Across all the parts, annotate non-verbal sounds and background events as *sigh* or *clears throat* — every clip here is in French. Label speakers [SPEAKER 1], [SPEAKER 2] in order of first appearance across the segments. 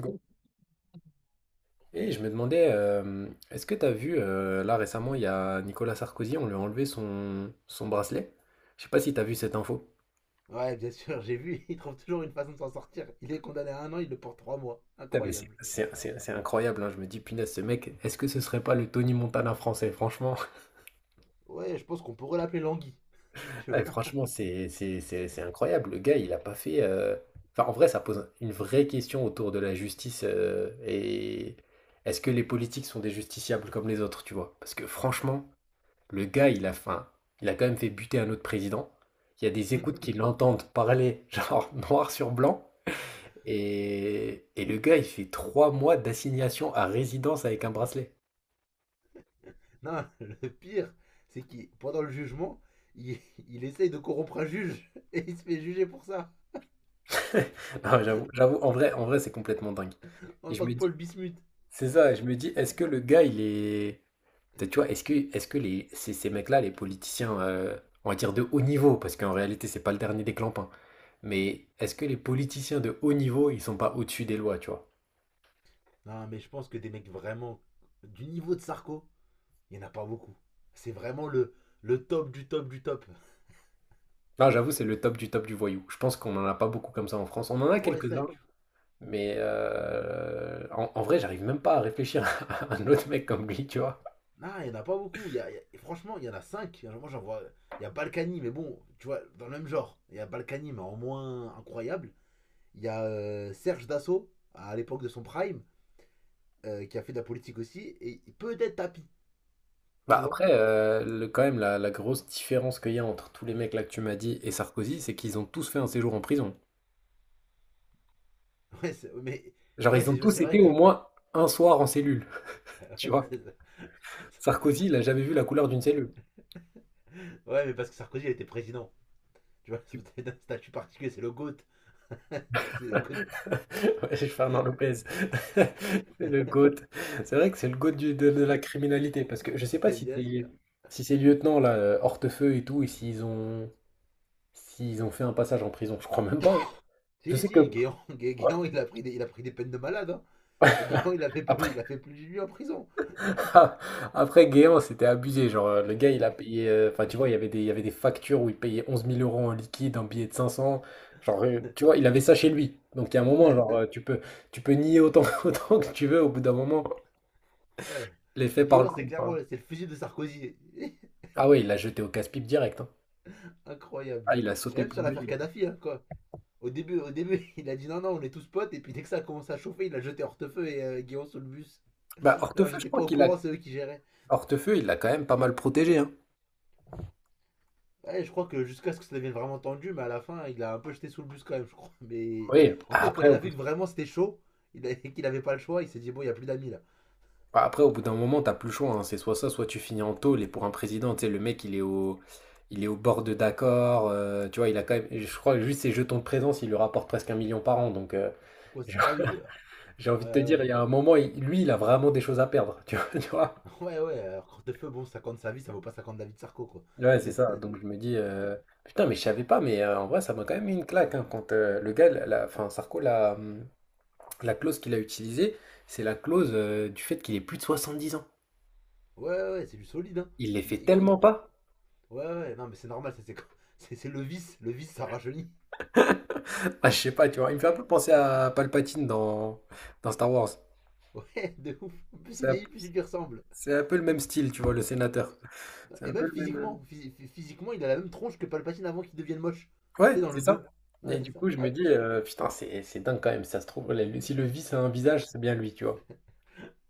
[SPEAKER 1] Go. Et je me demandais, est-ce que tu as vu, là récemment, il y a Nicolas Sarkozy, on lui a enlevé son bracelet. Je sais pas si tu as vu cette info.
[SPEAKER 2] Ouais, bien sûr, j'ai vu, *laughs* il trouve toujours une façon de s'en sortir. Il est condamné à un an, il le porte 3 mois.
[SPEAKER 1] Putain, mais c'est
[SPEAKER 2] Incroyable.
[SPEAKER 1] c'est- c'est- c'est incroyable, hein. Je me dis, punaise, ce mec, est-ce que ce serait pas le Tony Montana français, franchement?
[SPEAKER 2] Ouais, je pense qu'on pourrait l'appeler Langui,
[SPEAKER 1] *laughs*
[SPEAKER 2] tu
[SPEAKER 1] Ouais,
[SPEAKER 2] vois.
[SPEAKER 1] franchement, c'est incroyable. Le gars, il a pas fait. Enfin, en vrai, ça pose une vraie question autour de la justice. Et est-ce que les politiques sont des justiciables comme les autres, tu vois? Parce que franchement. Le gars, il a faim. Il a quand même fait buter un autre président. Il y a des écoutes qui
[SPEAKER 2] *laughs*
[SPEAKER 1] l'entendent parler, *laughs* genre noir sur blanc. Et le gars, il fait 3 mois d'assignation à résidence avec un bracelet.
[SPEAKER 2] Non, le pire, c'est qu'il, pendant le jugement, il, *laughs* il essaye de corrompre un juge *laughs* et il se fait juger pour ça,
[SPEAKER 1] *laughs* Non, j'avoue, en vrai, c'est complètement dingue.
[SPEAKER 2] en
[SPEAKER 1] Et je
[SPEAKER 2] tant que
[SPEAKER 1] me
[SPEAKER 2] Paul
[SPEAKER 1] dis,
[SPEAKER 2] Bismuth.
[SPEAKER 1] c'est ça, je me dis, est-ce que le gars, il est. Tu vois, est-ce que les, ces mecs-là, les politiciens, on va dire de haut niveau, parce qu'en réalité, c'est pas le dernier des clampins, mais est-ce que les politiciens de haut niveau, ils sont pas au-dessus des lois, tu vois?
[SPEAKER 2] Non, mais je pense que des mecs vraiment du niveau de Sarko, il n'y en a pas beaucoup. C'est vraiment le top du top du top.
[SPEAKER 1] Ah, j'avoue, c'est le top du voyou. Je pense qu'on n'en a pas beaucoup comme ça en France. On en a
[SPEAKER 2] Ouais, ça,
[SPEAKER 1] quelques-uns,
[SPEAKER 2] tu.
[SPEAKER 1] mais en vrai, j'arrive même pas à réfléchir *laughs* à un autre mec comme lui, tu vois.
[SPEAKER 2] Non, il n'y en a pas beaucoup. Il y a- y a- Franchement, il y en a cinq. Moi, j'en vois. Il y a Balkany, mais bon, tu vois, dans le même genre. Il y a Balkany, mais en moins incroyable. Il y a Serge Dassault, à l'époque de son prime, qui a fait de la politique aussi. Et peut-être Tapi, tu
[SPEAKER 1] Bah
[SPEAKER 2] vois.
[SPEAKER 1] après, quand même, la grosse différence qu'il y a entre tous les mecs là que tu m'as dit et Sarkozy, c'est qu'ils ont tous fait un séjour en prison.
[SPEAKER 2] *laughs* Ouais, mais.
[SPEAKER 1] Genre,
[SPEAKER 2] Ouais,
[SPEAKER 1] ils ont tous
[SPEAKER 2] c'est vrai
[SPEAKER 1] été au
[SPEAKER 2] que. *laughs*
[SPEAKER 1] moins un soir en cellule, *laughs* tu
[SPEAKER 2] Ouais,
[SPEAKER 1] vois. Sarkozy, il a jamais vu la couleur d'une cellule.
[SPEAKER 2] ouais, mais parce que Sarkozy, il était président. Tu vois, *laughs* c'est un statut particulier, c'est le GOAT. *laughs* c'est le GOAT,
[SPEAKER 1] *laughs* Ouais, Fernand Lopez, *laughs* c'est le GOAT. C'est vrai que c'est le GOAT de la criminalité, parce que je sais
[SPEAKER 2] *laughs*
[SPEAKER 1] pas
[SPEAKER 2] ouais,
[SPEAKER 1] si
[SPEAKER 2] bien sûr.
[SPEAKER 1] c'est si ces lieutenants là, Hortefeux et tout, et s'ils ont fait un passage en prison, je crois même pas. Hein. Je
[SPEAKER 2] Si,
[SPEAKER 1] sais que,
[SPEAKER 2] si, Guéant,
[SPEAKER 1] ouais.
[SPEAKER 2] Guéant, il a pris des peines de malade. Hein. Guéant, il a fait
[SPEAKER 1] *laughs* Après
[SPEAKER 2] plus, il a fait plus de lui en prison.
[SPEAKER 1] *laughs* après Guéant, c'était abusé, genre le gars il a payé, enfin tu vois, il y avait des factures où il payait 11 000 € en liquide, un billet de 500 genre tu vois, il avait ça chez lui. Donc il y a un moment, genre
[SPEAKER 2] *laughs*
[SPEAKER 1] tu peux nier autant *laughs* autant que tu veux, au bout d'un moment,
[SPEAKER 2] Euh,
[SPEAKER 1] les faits parlent.
[SPEAKER 2] Guillaume, c'est clairement c'est le fusil de Sarkozy. *laughs*
[SPEAKER 1] Ah ouais, il l'a jeté au casse-pipe direct, hein.
[SPEAKER 2] Incroyable.
[SPEAKER 1] Ah, il a
[SPEAKER 2] Et
[SPEAKER 1] sauté
[SPEAKER 2] même sur
[SPEAKER 1] pour
[SPEAKER 2] l'affaire
[SPEAKER 1] lui.
[SPEAKER 2] Kadhafi, hein, quoi. Au début, *laughs* il a dit non, non, on est tous potes, et puis dès que ça a commencé à chauffer, il a jeté Hortefeux et Guillaume sous le bus.
[SPEAKER 1] Bah,
[SPEAKER 2] Alors
[SPEAKER 1] Hortefeux, je
[SPEAKER 2] j'étais pas
[SPEAKER 1] crois
[SPEAKER 2] au
[SPEAKER 1] qu'il a...
[SPEAKER 2] courant, c'est eux qui géraient.
[SPEAKER 1] Hortefeux, il l'a quand même pas mal protégé, hein.
[SPEAKER 2] Ouais, je crois que jusqu'à ce que ça devienne vraiment tendu, mais à la fin, il a un peu jeté sous le bus quand même, je crois. Mais
[SPEAKER 1] Oui,
[SPEAKER 2] en fait, quand il a vu que vraiment c'était chaud, *laughs* et qu'il avait pas le choix, il s'est dit bon, il y a plus d'amis là.
[SPEAKER 1] après, au bout d'un moment, t'as plus le choix, hein. C'est soit ça, soit tu finis en tôle. Et pour un président, tu sais, le mec, il est au bord de d'accord. Tu vois, il a quand même, je crois que juste ses jetons de présence, il lui rapporte presque un million par an. Donc,
[SPEAKER 2] C'est quoi?
[SPEAKER 1] *laughs* j'ai
[SPEAKER 2] Ah oui,
[SPEAKER 1] j'ai envie de te
[SPEAKER 2] ouais,
[SPEAKER 1] dire,
[SPEAKER 2] ouais.
[SPEAKER 1] il y a un moment, lui, il a vraiment des choses à perdre. *laughs* Tu vois, tu vois.
[SPEAKER 2] Ouais, *laughs* ouais, alors Hortefeux, bon, 50 sa vie, ça vaut pas 50 David Sarko, quoi.
[SPEAKER 1] Ouais,
[SPEAKER 2] *laughs*
[SPEAKER 1] c'est ça.
[SPEAKER 2] C'est-
[SPEAKER 1] Donc, je me dis, putain, mais je savais pas, mais en vrai, ça m'a quand même mis une claque, hein, quand le gars, enfin, Sarko l'a. La clause qu'il a utilisée, c'est la clause du fait qu'il ait plus de 70 ans.
[SPEAKER 2] Ouais, ouais, ouais, c'est du solide, hein.
[SPEAKER 1] Il les fait
[SPEAKER 2] Il
[SPEAKER 1] tellement pas.
[SPEAKER 2] Ouais, ouais, non, mais c'est normal, ça, c'est *laughs* c'est le vice. Le vice, ça rajeunit.
[SPEAKER 1] *laughs* Ah, je sais pas, tu vois, il me fait un peu penser à Palpatine dans Star Wars.
[SPEAKER 2] *laughs* Ouais, de ouf. Plus il
[SPEAKER 1] C'est un,
[SPEAKER 2] vieillit, plus il lui ressemble.
[SPEAKER 1] c'est un peu le même style, tu vois, le sénateur. C'est
[SPEAKER 2] Et
[SPEAKER 1] un
[SPEAKER 2] même
[SPEAKER 1] peu le même.
[SPEAKER 2] physiquement, physiquement, il a la même tronche que Palpatine avant qu'il devienne moche. Tu sais,
[SPEAKER 1] Ouais,
[SPEAKER 2] dans
[SPEAKER 1] c'est
[SPEAKER 2] le
[SPEAKER 1] ça.
[SPEAKER 2] deux.
[SPEAKER 1] Et
[SPEAKER 2] Ouais, c'est
[SPEAKER 1] du
[SPEAKER 2] ça.
[SPEAKER 1] coup, je me dis,
[SPEAKER 2] Abusé.
[SPEAKER 1] putain, c'est dingue quand même, ça se trouve.
[SPEAKER 2] Hmm.
[SPEAKER 1] Si le vice a un visage, c'est bien lui, tu vois.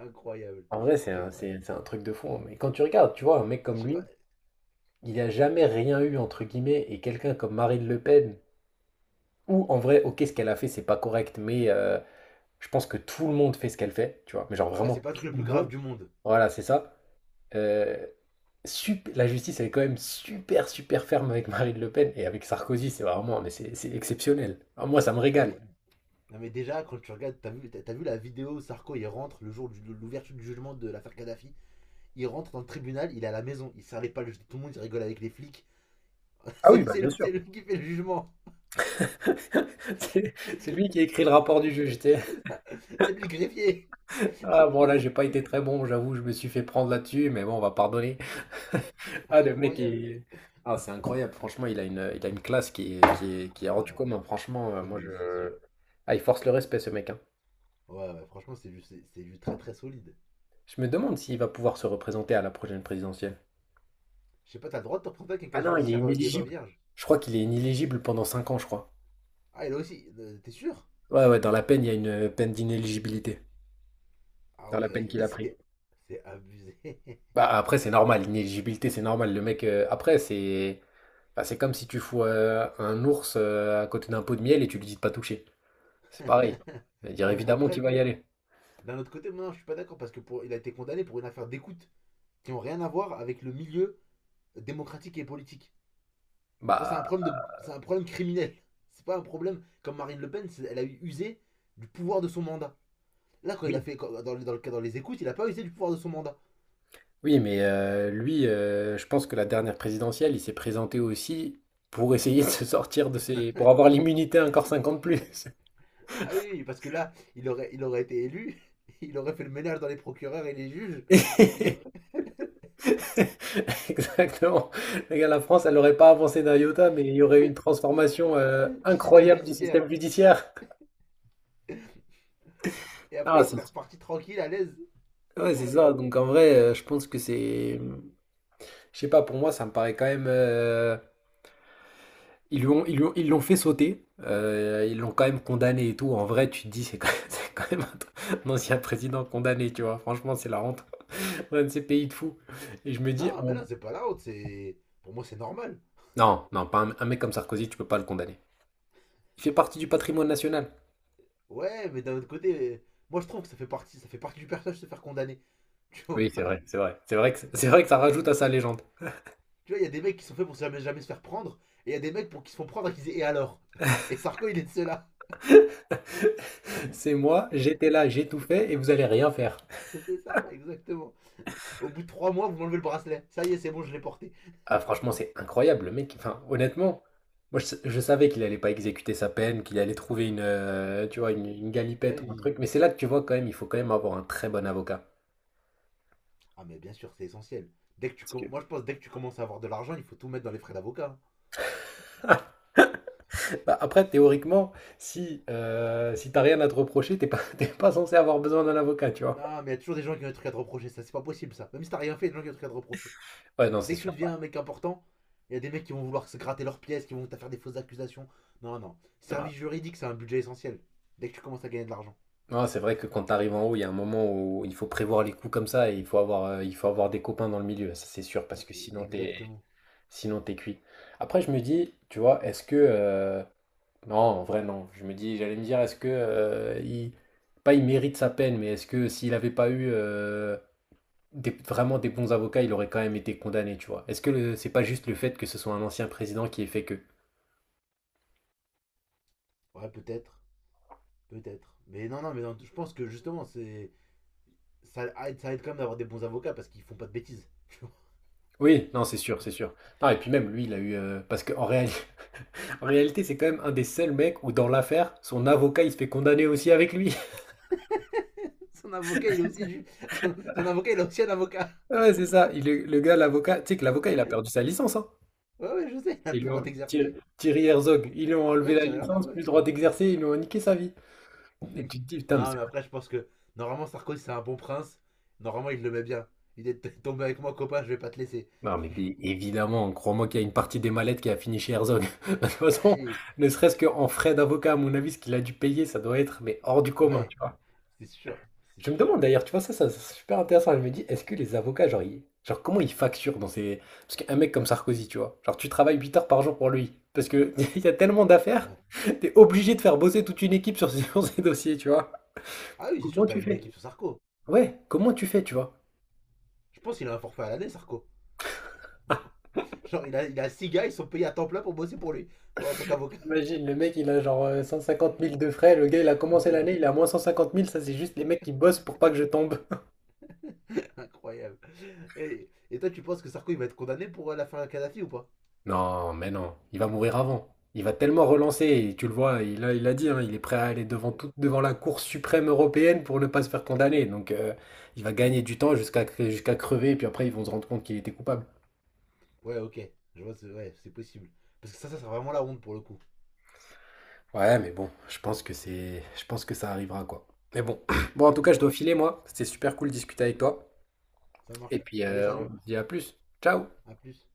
[SPEAKER 2] Incroyable.
[SPEAKER 1] En vrai, c'est un,
[SPEAKER 2] Incroyable.
[SPEAKER 1] c'est- c'est un truc de fond. Mais quand tu regardes, tu vois, un mec
[SPEAKER 2] Je
[SPEAKER 1] comme
[SPEAKER 2] sais pas.
[SPEAKER 1] lui, il a jamais rien eu, entre guillemets, et quelqu'un comme Marine Le Pen, ou en vrai, ok, ce qu'elle a fait, c'est pas correct, mais. Je pense que tout le monde fait ce qu'elle fait, tu vois? Mais genre
[SPEAKER 2] Ouais, c'est
[SPEAKER 1] vraiment
[SPEAKER 2] pas le truc le
[SPEAKER 1] tout le
[SPEAKER 2] plus grave
[SPEAKER 1] monde.
[SPEAKER 2] du monde.
[SPEAKER 1] Voilà, c'est ça. Euh, la justice, elle est quand même super, super ferme avec Marine Le Pen et avec Sarkozy, c'est vraiment, mais c'est exceptionnel. Ah, moi, ça me
[SPEAKER 2] Ouais,
[SPEAKER 1] régale.
[SPEAKER 2] mais,
[SPEAKER 1] *laughs*
[SPEAKER 2] non, mais déjà, quand tu regardes, t'as vu la vidéo où Sarko, il rentre le jour de l'ouverture du jugement de l'affaire Kadhafi. Il rentre dans le tribunal, il est à la maison. Il serre les pas, tout le monde, il rigole avec les flics. *laughs*
[SPEAKER 1] Ah oui, bah bien sûr.
[SPEAKER 2] C'est lui qui fait le jugement.
[SPEAKER 1] *laughs* C'est c'est lui qui a écrit le rapport du juge. Tu sais.
[SPEAKER 2] *laughs* C'est lui le greffier.
[SPEAKER 1] Ah bon, là, j'ai pas été très bon, j'avoue, je me suis fait prendre là-dessus, mais bon, on va pardonner.
[SPEAKER 2] *laughs*
[SPEAKER 1] Ah, le mec,
[SPEAKER 2] Incroyable.
[SPEAKER 1] ah, c'est incroyable. Franchement, il a une classe qui est hors du
[SPEAKER 2] Ouais.
[SPEAKER 1] commun. Franchement,
[SPEAKER 2] Non,
[SPEAKER 1] moi, je.
[SPEAKER 2] mais c'est sûr.
[SPEAKER 1] Ah, il force le respect, ce mec. Hein.
[SPEAKER 2] Ouais, ouais, franchement, c'est du très très solide.
[SPEAKER 1] Je me demande s'il va pouvoir se représenter à la prochaine présidentielle.
[SPEAKER 2] Je sais pas, t'as le droit de te représenter avec un
[SPEAKER 1] Ah
[SPEAKER 2] casier
[SPEAKER 1] non, il est
[SPEAKER 2] judiciaire qui est pas
[SPEAKER 1] inéligible.
[SPEAKER 2] vierge.
[SPEAKER 1] Je crois qu'il est inéligible pendant 5 ans, je crois.
[SPEAKER 2] Ah, il a aussi. T'es sûr?
[SPEAKER 1] Ouais, ouais, dans la peine, il y a une peine d'inéligibilité.
[SPEAKER 2] Ah
[SPEAKER 1] Dans la
[SPEAKER 2] ouais,
[SPEAKER 1] peine
[SPEAKER 2] *laughs*
[SPEAKER 1] qu'il a pris.
[SPEAKER 2] c'est abusé.
[SPEAKER 1] Bah après, c'est normal, l'inéligibilité, c'est normal. Le mec, après, c'est comme si tu fous un ours à côté d'un pot de miel et tu lui dis de pas toucher. C'est pareil. Il va
[SPEAKER 2] *laughs*
[SPEAKER 1] dire
[SPEAKER 2] Non, mais
[SPEAKER 1] évidemment qu'il
[SPEAKER 2] après,
[SPEAKER 1] va y aller.
[SPEAKER 2] d'un autre côté, moi non, je suis pas d'accord parce que pour, il a été condamné pour une affaire d'écoute qui ont rien à voir avec le milieu démocratique et politique. C'est
[SPEAKER 1] Bah
[SPEAKER 2] un problème de, c'est un problème criminel. C'est pas un problème comme Marine Le Pen, elle a usé du pouvoir de son mandat. Là, quand il a
[SPEAKER 1] oui.
[SPEAKER 2] fait dans les écoutes, il a pas usé du pouvoir de son mandat.
[SPEAKER 1] Oui, mais lui, je pense que la dernière présidentielle, il s'est présenté aussi pour essayer de se sortir de ses... pour avoir l'immunité encore 50 plus.
[SPEAKER 2] Ah oui, oui, parce que là, il aurait été élu, *laughs* il aurait fait le ménage dans les procureurs et les juges, il
[SPEAKER 1] *laughs* Exactement. Le gars, la France, elle n'aurait pas avancé d'un iota, mais il y aurait eu une transformation
[SPEAKER 2] *laughs* du système
[SPEAKER 1] incroyable du
[SPEAKER 2] judiciaire,
[SPEAKER 1] système judiciaire.
[SPEAKER 2] et après
[SPEAKER 1] Ah,
[SPEAKER 2] il
[SPEAKER 1] c'est
[SPEAKER 2] serait reparti tranquille, à l'aise.
[SPEAKER 1] ouais, c'est ça.
[SPEAKER 2] Incroyable.
[SPEAKER 1] Donc en vrai, je pense que c'est... Je sais pas, pour moi, ça me paraît quand même... Ils l'ont fait sauter, ils l'ont quand même condamné et tout. En vrai, tu te dis, c'est quand même, *laughs* c'est quand même un ancien président condamné, tu vois. Franchement, c'est la honte. Un de ces pays de fous. Et je me dis,
[SPEAKER 2] Non, mais non, c'est pas la honte, c'est, pour moi, c'est normal.
[SPEAKER 1] non, non, pas un mec comme Sarkozy, tu peux pas le condamner. Il fait partie du patrimoine national.
[SPEAKER 2] Ouais, mais d'un autre côté, moi je trouve que ça fait partie du personnage de se faire condamner. *laughs* Tu vois.
[SPEAKER 1] Oui, c'est vrai, c'est vrai. C'est vrai que ça rajoute à sa légende.
[SPEAKER 2] Tu vois, il y a des mecs qui sont faits pour jamais, jamais se faire prendre, et il y a des mecs pour qui se font prendre et qui disent: «Et alors?» *laughs* Et Sarko, il est de ceux-là.
[SPEAKER 1] C'est moi, j'étais là, j'ai tout fait et vous allez rien faire.
[SPEAKER 2] *laughs* C'est ça, exactement. Au bout de 3 mois, vous m'enlevez le bracelet. Ça y est, c'est bon, je l'ai porté.
[SPEAKER 1] Ah franchement, c'est incroyable, le mec, enfin honnêtement, moi je savais qu'il allait pas exécuter sa peine, qu'il allait trouver une, tu vois, une galipette
[SPEAKER 2] Mais
[SPEAKER 1] ou un
[SPEAKER 2] oui.
[SPEAKER 1] truc, mais c'est là que tu vois quand même, il faut quand même avoir un très bon avocat.
[SPEAKER 2] Ah, mais bien sûr, c'est essentiel. Dès que moi, je pense dès que tu commences à avoir de l'argent, il faut tout mettre dans les frais d'avocat, hein.
[SPEAKER 1] Bah, après, théoriquement, si t'as rien à te reprocher, t'es pas, *laughs* t'es pas censé avoir besoin d'un avocat, tu vois.
[SPEAKER 2] Non, mais il y a toujours des gens qui ont des trucs à te reprocher. Ça, c'est pas possible, ça. Même si t'as rien fait, il y a des gens qui ont des trucs à te reprocher.
[SPEAKER 1] Ouais, non, c'est
[SPEAKER 2] Dès que tu
[SPEAKER 1] sûr.
[SPEAKER 2] deviens un mec important, il y a des mecs qui vont vouloir se gratter leurs pièces, qui vont te faire des fausses accusations. Non, non.
[SPEAKER 1] Ouais.
[SPEAKER 2] Service juridique, c'est un budget essentiel. Dès que tu commences à gagner de l'argent.
[SPEAKER 1] Non, c'est vrai que quand t'arrives en haut, il y a un moment où il faut prévoir les coups comme ça et il faut avoir des copains dans le milieu, ça c'est sûr, parce
[SPEAKER 2] Ouais,
[SPEAKER 1] que
[SPEAKER 2] exactement.
[SPEAKER 1] sinon t'es cuit. Après, je me dis, tu vois. Non, en vrai, non. Je me dis, j'allais me dire, est-ce que pas il mérite sa peine, mais est-ce que s'il n'avait pas eu vraiment des bons avocats, il aurait quand même été condamné, tu vois? Est-ce que c'est pas juste le fait que ce soit un ancien président qui ait fait que?
[SPEAKER 2] Ouais, peut-être. Peut-être. Mais non, non, mais non, je pense que justement, ça aide quand même d'avoir des bons avocats parce qu'ils font pas de bêtises, tu vois.
[SPEAKER 1] Oui, non, c'est sûr, c'est sûr. Non, et puis même lui, il a eu parce qu'en réalité, *laughs* en réalité, c'est quand même un des seuls mecs où dans l'affaire, son avocat, il se fait condamner aussi avec lui. *laughs*
[SPEAKER 2] *laughs* Son avocat, il est aussi du... son avocat, il a aussi un avocat.
[SPEAKER 1] Ouais, c'est ça. Le gars, l'avocat, tu sais que l'avocat, il a perdu sa licence, hein.
[SPEAKER 2] Ouais, ouais, je sais, *laughs* il
[SPEAKER 1] Ils lui
[SPEAKER 2] pourra
[SPEAKER 1] ont- Thierry
[SPEAKER 2] t'exercer.
[SPEAKER 1] Thierry Herzog, ils lui ont enlevé
[SPEAKER 2] Ouais, tu
[SPEAKER 1] la
[SPEAKER 2] sais rien ça,
[SPEAKER 1] licence, plus
[SPEAKER 2] ouais.
[SPEAKER 1] le droit d'exercer, ils lui ont niqué sa vie. Et
[SPEAKER 2] *laughs*
[SPEAKER 1] tu te dis: «Putain, mais
[SPEAKER 2] Non,
[SPEAKER 1] c'est».
[SPEAKER 2] mais après, je pense que normalement, Sarkozy, c'est un bon prince. Normalement, il le met bien. Il est *laughs* tombé avec moi, copain, je vais pas te laisser.
[SPEAKER 1] Non, mais bien évidemment, crois-moi qu'il y a une partie des mallettes qui a fini chez Herzog. *laughs* De toute façon,
[SPEAKER 2] Hey,
[SPEAKER 1] ne serait-ce qu'en frais d'avocat, à mon avis, ce qu'il a dû payer, ça doit être, mais hors du commun,
[SPEAKER 2] ouais,
[SPEAKER 1] tu vois?
[SPEAKER 2] c'est sûr, c'est
[SPEAKER 1] Je me
[SPEAKER 2] sûr.
[SPEAKER 1] demande d'ailleurs, tu vois, ça c'est super intéressant. Je me dis: «Est-ce que les avocats, genre ils genre comment ils facturent dans ces». Parce qu'un mec comme Sarkozy, tu vois? Genre tu travailles 8 heures par jour pour lui, parce que *laughs* il y a tellement d'affaires,
[SPEAKER 2] Ouais.
[SPEAKER 1] t'es obligé de faire bosser toute une équipe sur *laughs* ces sur ces dossiers, tu vois?
[SPEAKER 2] Ah oui, c'est
[SPEAKER 1] Comment
[SPEAKER 2] sûr, t'as
[SPEAKER 1] tu
[SPEAKER 2] une
[SPEAKER 1] fais?
[SPEAKER 2] équipe sur Sarko.
[SPEAKER 1] Ouais, comment tu fais, tu vois?
[SPEAKER 2] Je pense qu'il a un forfait à l'année, Sarko. Genre, il a six gars, ils sont payés à temps plein pour bosser pour lui. Bon, en tant qu'avocat.
[SPEAKER 1] Imagine, le mec, il a genre 150 000 de frais. Le gars, il a commencé l'année, il
[SPEAKER 2] *laughs*
[SPEAKER 1] a moins 150 000. Ça, c'est juste les mecs qui bossent pour pas que je tombe. *laughs*
[SPEAKER 2] Incroyable. Et toi, tu penses que Sarko, il va être condamné pour la fin de Kadhafi ou pas?
[SPEAKER 1] Non, mais non, il va mourir avant. Il va tellement relancer, et tu le vois, il a dit, hein, il est prêt à aller
[SPEAKER 2] Euh,
[SPEAKER 1] devant la Cour suprême européenne pour ne pas se faire condamner. Donc il va gagner du temps jusqu'à crever, et puis après ils vont se rendre compte qu'il était coupable.
[SPEAKER 2] Ouais, ok. Je vois, c'est ouais, c'est possible. Parce que ça sera vraiment la honte pour le coup.
[SPEAKER 1] Ouais, mais bon, je pense que ça arrivera quoi. Mais bon, *clears throat* bon, en tout cas, je
[SPEAKER 2] Ouais,
[SPEAKER 1] dois filer, moi. C'était super cool de discuter avec toi.
[SPEAKER 2] ça
[SPEAKER 1] Et
[SPEAKER 2] marche.
[SPEAKER 1] puis
[SPEAKER 2] Allez,
[SPEAKER 1] on
[SPEAKER 2] salut.
[SPEAKER 1] se dit à plus. Ciao.
[SPEAKER 2] À plus.